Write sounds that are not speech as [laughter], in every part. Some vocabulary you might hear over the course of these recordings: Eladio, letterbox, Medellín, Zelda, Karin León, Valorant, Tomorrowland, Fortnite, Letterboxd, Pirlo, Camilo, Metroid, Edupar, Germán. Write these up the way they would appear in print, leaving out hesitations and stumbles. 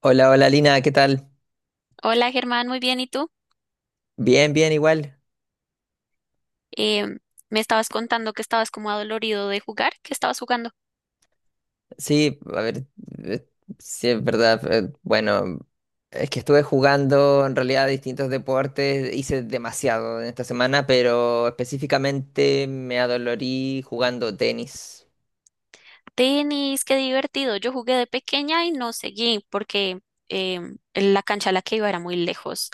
Hola, hola Lina, ¿qué tal? Hola Germán, muy bien, ¿y tú? Bien, bien, igual. Em, me estabas contando que estabas como adolorido de jugar, que estabas jugando Sí, a ver, eh, sí es verdad. Bueno, es que estuve jugando en realidad distintos deportes, hice demasiado en esta semana, pero específicamente me adolorí jugando tenis. tenis, qué divertido. Yo jugué de pequeña y no seguí porque la cancha a la que iba era muy lejos.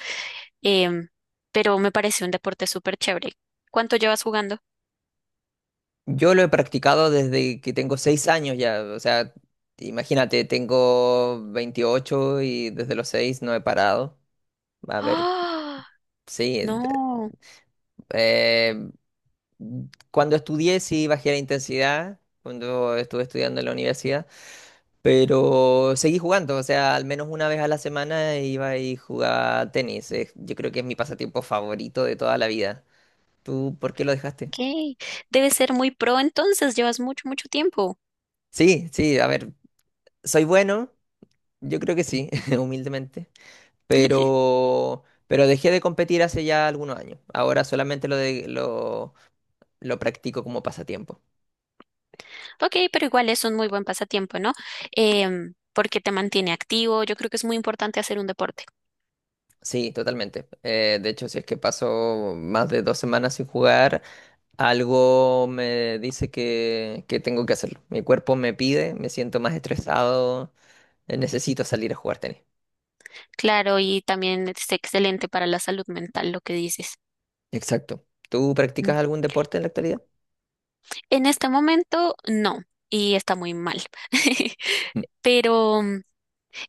Em, pero me pareció un deporte súper chévere. ¿Cuánto llevas jugando? Yo lo he practicado desde que tengo 6 años ya, o sea, imagínate, tengo 28 y desde los 6 no he parado. A ver, ¡Ah! sí, No, eh, Cuando estudié sí bajé la intensidad, cuando estuve estudiando en la universidad, pero seguí jugando, o sea, al menos una vez a la semana iba y jugaba tenis. Yo creo que es mi pasatiempo favorito de toda la vida. ¿Tú por qué lo dejaste? ok. Debe ser muy pro entonces, llevas mucho, mucho tiempo. Sí, sí, a ver, soy bueno, yo creo que sí, [laughs] humildemente, pero dejé de competir hace ya algunos años. Ahora solamente lo practico como pasatiempo. Ok, pero igual es un muy buen pasatiempo, ¿no? Porque te mantiene activo, yo creo que es muy importante hacer un deporte. Sí, totalmente. De hecho, si es que paso más de 2 semanas sin jugar, algo me dice que tengo que hacerlo. Mi cuerpo me pide, me siento más estresado, necesito salir a jugar tenis. Claro, y también es excelente para la salud mental lo que dices. Exacto. ¿Tú Mm. practicas algún deporte en la actualidad? En este momento, no, y está muy mal. [laughs] Mm. Pero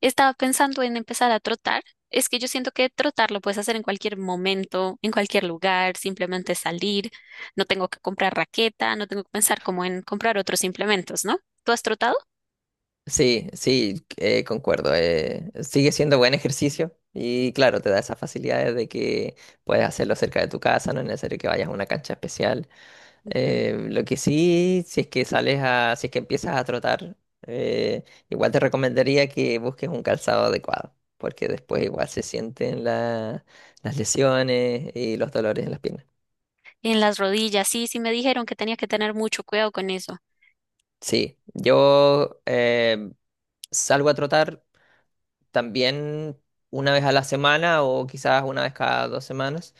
estaba pensando en empezar a trotar. Es que yo siento que trotar lo puedes hacer en cualquier momento, en cualquier lugar, simplemente salir. No tengo que comprar raqueta, no tengo que pensar como en comprar otros implementos, ¿no? ¿Tú has trotado? Sí, sí, concuerdo. Sigue siendo buen ejercicio y claro, te da esas facilidades de que puedes hacerlo cerca de tu casa, no es necesario que vayas a una cancha especial. Ujú. Lo que sí, si es que sales a, si es que empiezas a trotar, eh, igual te recomendaría que busques un calzado adecuado, porque después igual se sienten las lesiones y los dolores en las piernas. En las rodillas, sí, sí me dijeron que tenía que tener mucho cuidado con eso. Sí, yo salgo a trotar también una vez a la semana o quizás una vez cada 2 semanas.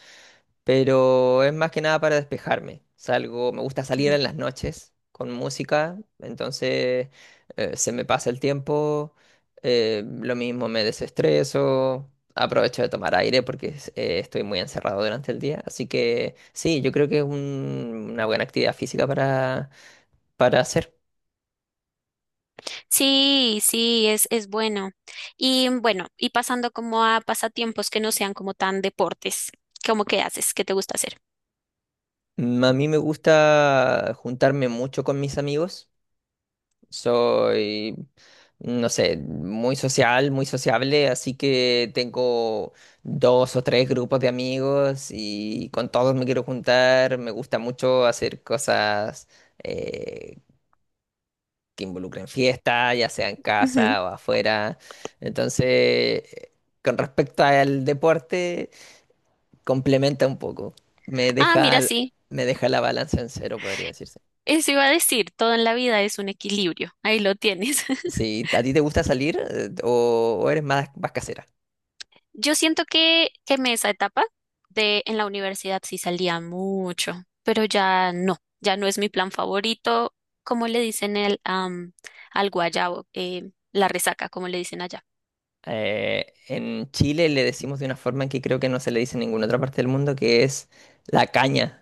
Pero es más que nada para despejarme. Salgo, me gusta salir en las noches con música, entonces se me pasa el tiempo, lo mismo me desestreso, aprovecho de tomar aire porque estoy muy encerrado durante el día. Así que sí, yo creo que es una buena actividad física para hacer. Sí, sí, es bueno. Y bueno, y pasando como a pasatiempos que no sean como tan deportes, ¿cómo que haces? ¿Qué te gusta hacer? A mí me gusta juntarme mucho con mis amigos. Soy, no sé, muy social, muy sociable, así que tengo dos o tres grupos de amigos y con todos me quiero juntar. Me gusta mucho hacer cosas eh, que involucren fiesta, ya sea en Ujú. casa o afuera. Entonces, con respecto al deporte, complementa un poco. Me Ah, deja, mira, sí, me deja la balanza en cero, podría decirse. eso iba a decir, todo en la vida es un equilibrio, ahí lo tienes. [laughs] Sí, ¿a ti te gusta salir o eres más, más casera? Yo siento que quemé esa etapa de en la universidad sí salía mucho, pero ya no, ya no es mi plan favorito, como le dicen al guayabo, la resaca, como le dicen allá, En Chile le decimos de una forma que creo que no se le dice en ninguna otra parte del mundo, que es la caña.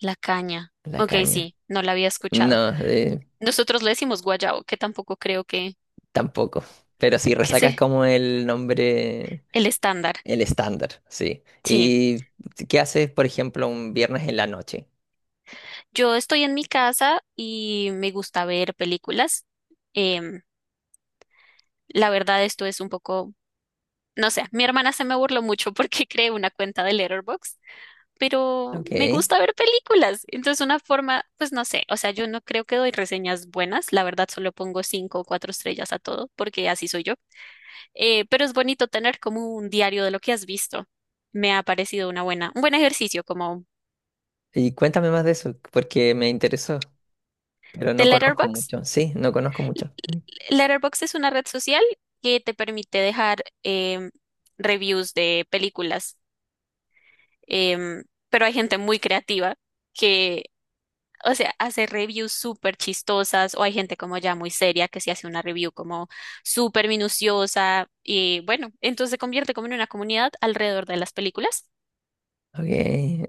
la caña. La Ok, caña. sí, no la había escuchado. No, Nosotros le decimos guayabo, que tampoco creo que, tampoco. Pero sí, que resaca es sea como el nombre, el estándar. el estándar, sí. Sí, ¿Y qué haces, por ejemplo, un viernes en la noche? yo estoy en mi casa y me gusta ver películas. Em, la verdad, esto es un poco, no sé, mi hermana se me burló mucho porque [laughs] creé una cuenta de Letterboxd, pero me Ok. gusta ver películas. Entonces, una forma, pues no sé, o sea, yo no creo que doy reseñas buenas, la verdad, solo pongo cinco o cuatro estrellas a todo, porque así soy yo. Pero es bonito tener como un diario de lo que has visto. Me ha parecido un buen ejercicio como Y cuéntame más de eso, porque me interesó, pero de no conozco Letterboxd. mucho. Sí, no conozco mucho. Letterboxd es una red social que te permite dejar reviews de películas, em, pero hay gente muy creativa que, o sea, hace reviews súper chistosas o hay gente como ya muy seria que sí hace una review como súper minuciosa y bueno, entonces se convierte como en una comunidad alrededor de las películas. Ok,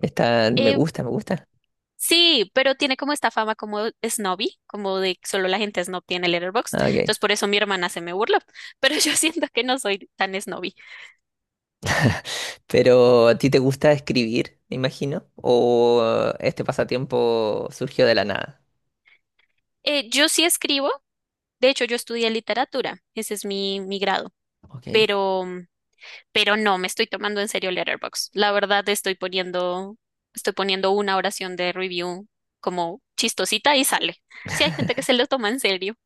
está, me Eh, gusta, me gusta. Sí, pero tiene como esta fama como snobby, como de que solo la gente snob tiene Letterboxd. Ah, ok. Entonces por eso mi hermana se me burló, pero [laughs] yo siento que no soy tan snobby. [laughs] Pero ¿a ti te gusta escribir, me imagino? ¿O este pasatiempo surgió de la nada? Yo sí escribo, de hecho yo estudié literatura, ese es mi, grado, Ok. pero, pero no, me estoy tomando en serio Letterboxd. La verdad estoy poniendo una oración de review como chistosita y sale. Sí hay gente que se lo toma en serio.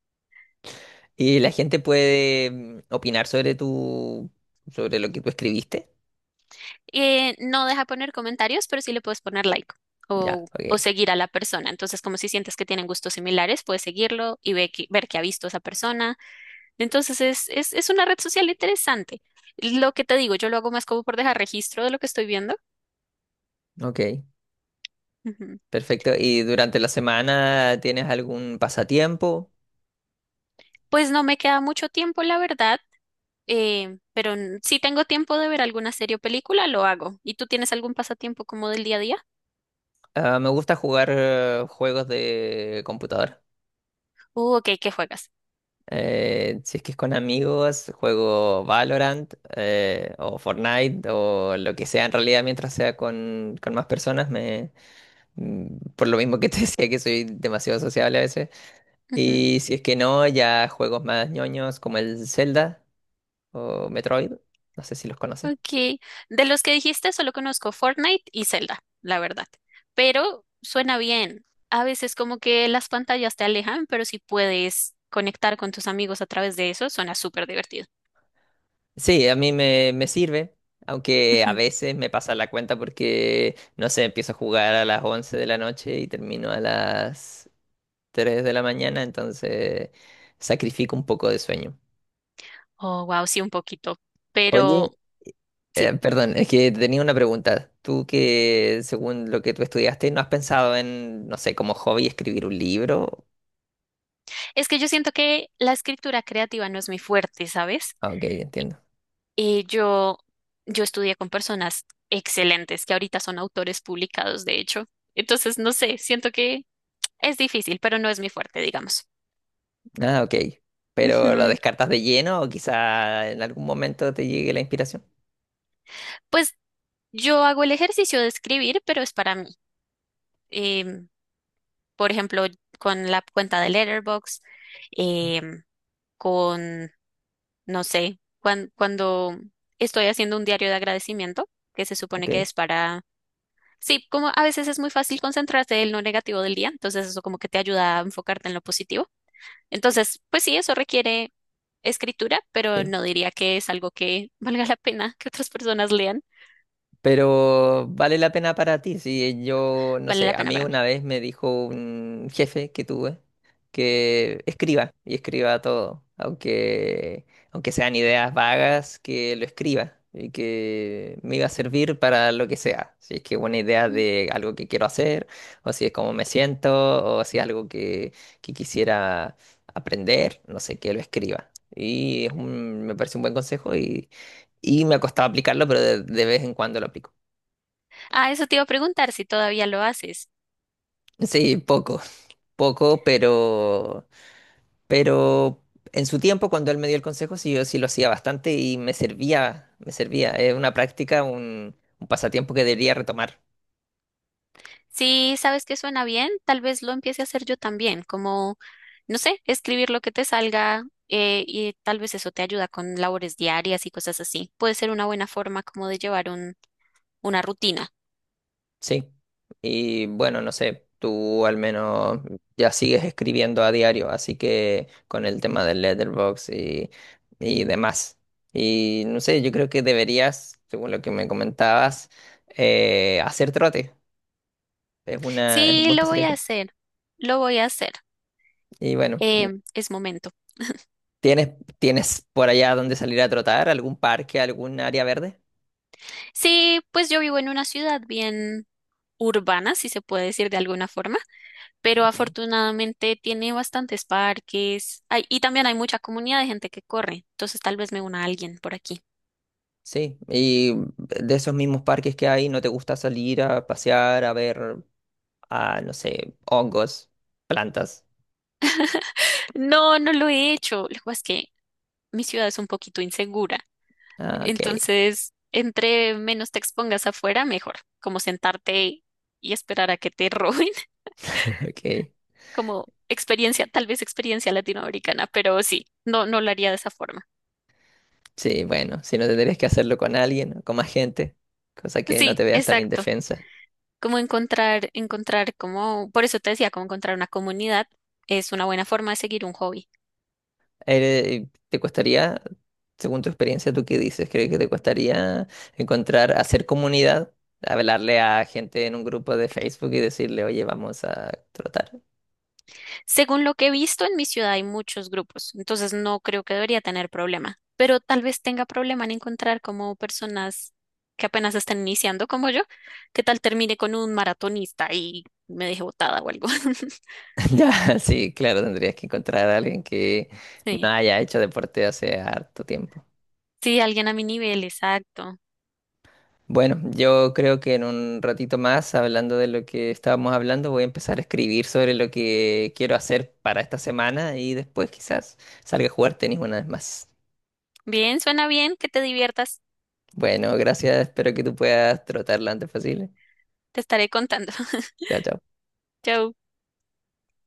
¿Y la gente puede opinar sobre tu, sobre lo que tú escribiste? No deja poner comentarios, pero sí le puedes poner like Ya, o ok. seguir a la persona. Entonces, como si sientes que tienen gustos similares, puedes seguirlo y ver que ha visto a esa persona. Entonces, es una red social interesante. Lo que te digo, yo lo hago más como por dejar registro de lo que estoy viendo. Ok, Ujú. perfecto. ¿Y durante la semana tienes algún pasatiempo? Pues no me queda mucho tiempo, la verdad, pero si tengo tiempo de ver alguna serie o película, lo hago. ¿Y tú tienes algún pasatiempo como del día a día? Ah, me gusta jugar juegos de computadora. Ok, ¿qué juegas? Si es que es con amigos, juego Valorant o Fortnite o lo que sea en realidad mientras sea con más personas, por lo mismo que te [laughs] decía que soy demasiado sociable a veces. Ujú. Y si es que no, ya juegos más ñoños como el Zelda o Metroid, no sé si los conoces. Ok, de los que dijiste solo conozco Fortnite y Zelda, la verdad. Pero suena bien. A veces como que las pantallas te alejan, pero si puedes conectar con tus amigos a través de eso, suena súper divertido. Sí, a mí me, me sirve, aunque a Ujú. veces me pasa la cuenta porque, no sé, empiezo a jugar a las 11 de la noche y termino a las 3 de la mañana, entonces sacrifico un poco de sueño. Oh, wow, sí, un poquito. Oye, Pero sí, perdón, es que tenía una pregunta. Tú que, según lo que tú estudiaste, ¿no has pensado en, no sé, como hobby escribir un libro? es que yo siento que la escritura creativa no es mi fuerte, ¿sabes? Ah, ok, entiendo. Y yo estudié con personas excelentes que ahorita son autores publicados, de hecho. Entonces, no sé, siento que es difícil, pero no es mi fuerte, digamos. Ah, ok. ¿Pero lo Ujú. descartas de lleno o quizá en algún momento te llegue la inspiración? Pues yo hago el ejercicio de escribir, pero es para mí. Em, por ejemplo, con la cuenta de Letterboxd, em, con, no sé, cuando estoy haciendo un diario de agradecimiento, que se supone Ok, que es para... Sí, como a veces es muy fácil concentrarte en lo negativo del día, entonces eso como que te ayuda a enfocarte en lo positivo. Entonces, pues sí, eso requiere escritura, pero sí. no diría que es algo que valga la pena que otras personas lean. Pero vale la pena para ti. Si yo, no Vale la sé, a pena mí para mí. una vez me dijo un jefe que tuve que escriba y escriba todo, aunque sean ideas vagas, que lo escriba y que me iba a servir para lo que sea. Si es que una idea de algo que quiero hacer, o si es cómo me siento, o si es algo que quisiera aprender, no sé, que lo escriba. Y es un- me parece un buen consejo y me ha costado aplicarlo, pero de vez en cuando lo aplico. Ah, eso te iba a preguntar si todavía lo haces. Sí, poco, poco, pero en su tiempo, cuando él me dio el consejo, sí, yo sí lo hacía bastante y me servía, me servía. Es una práctica, un pasatiempo que debería retomar, Si sabes que suena bien, tal vez lo empiece a hacer yo también, como, no sé, escribir lo que te salga y tal vez eso te ayuda con labores diarias y cosas así. Puede ser una buena forma como de llevar un, una rutina. sí. Y bueno, no sé, tú al menos ya sigues escribiendo a diario, así que con el tema del letterbox y demás. Y no sé, yo creo que deberías, según lo que me comentabas, hacer trote. Es una, es un Sí, buen lo voy a pasatiempo. hacer, lo voy a hacer. Y bueno, Eh, es momento. ¿Tienes, tienes por allá donde salir a trotar? ¿Algún parque, algún área verde? Sí, pues yo vivo en una ciudad bien urbana, si se puede decir de alguna forma. Pero Ok. afortunadamente tiene bastantes parques y también hay mucha comunidad de gente que corre, entonces tal vez me una a alguien por aquí. Sí, y de esos mismos parques que hay, ¿no te gusta salir a pasear, a ver, no sé, hongos, plantas? No, no lo he hecho, lo que pasa es que mi ciudad es un poquito insegura, Ah, ok, entonces entre menos te expongas afuera, mejor, como sentarte y esperar a que te roben, [laughs] [laughs] ok. como experiencia, tal vez experiencia latinoamericana, pero sí, no, no lo haría de esa forma. Sí, bueno, si no tendrías que hacerlo con alguien, con más gente, cosa que no Sí, te veas tan exacto. indefensa. Como encontrar como, por eso te decía, como encontrar una comunidad es una buena forma de seguir un hobby. ¿Te costaría, según tu experiencia, tú qué dices? ¿Crees que te costaría encontrar, hacer comunidad, hablarle a gente en un grupo de Facebook y decirle, oye, vamos a trotar? Según lo que he visto en mi ciudad hay muchos grupos, entonces no creo que debería tener problema, pero tal vez tenga problema en encontrar como personas que apenas están iniciando como yo, que tal termine con un maratonista y me deje botada o algo. [laughs] [laughs] Ya, sí, claro, tendrías que encontrar a alguien que no Sí, haya hecho deporte hace harto tiempo. sí, alguien a mi nivel, exacto. Bueno, yo creo que en un ratito más, hablando de lo que estábamos hablando, voy a empezar a escribir sobre lo que quiero hacer para esta semana y después quizás salga a jugar tenis una vez más. Bien, suena bien, que te diviertas, Bueno, gracias. Espero que tú puedas trotar lo antes posible. te estaré contando. [laughs] Chao, chao. Chau.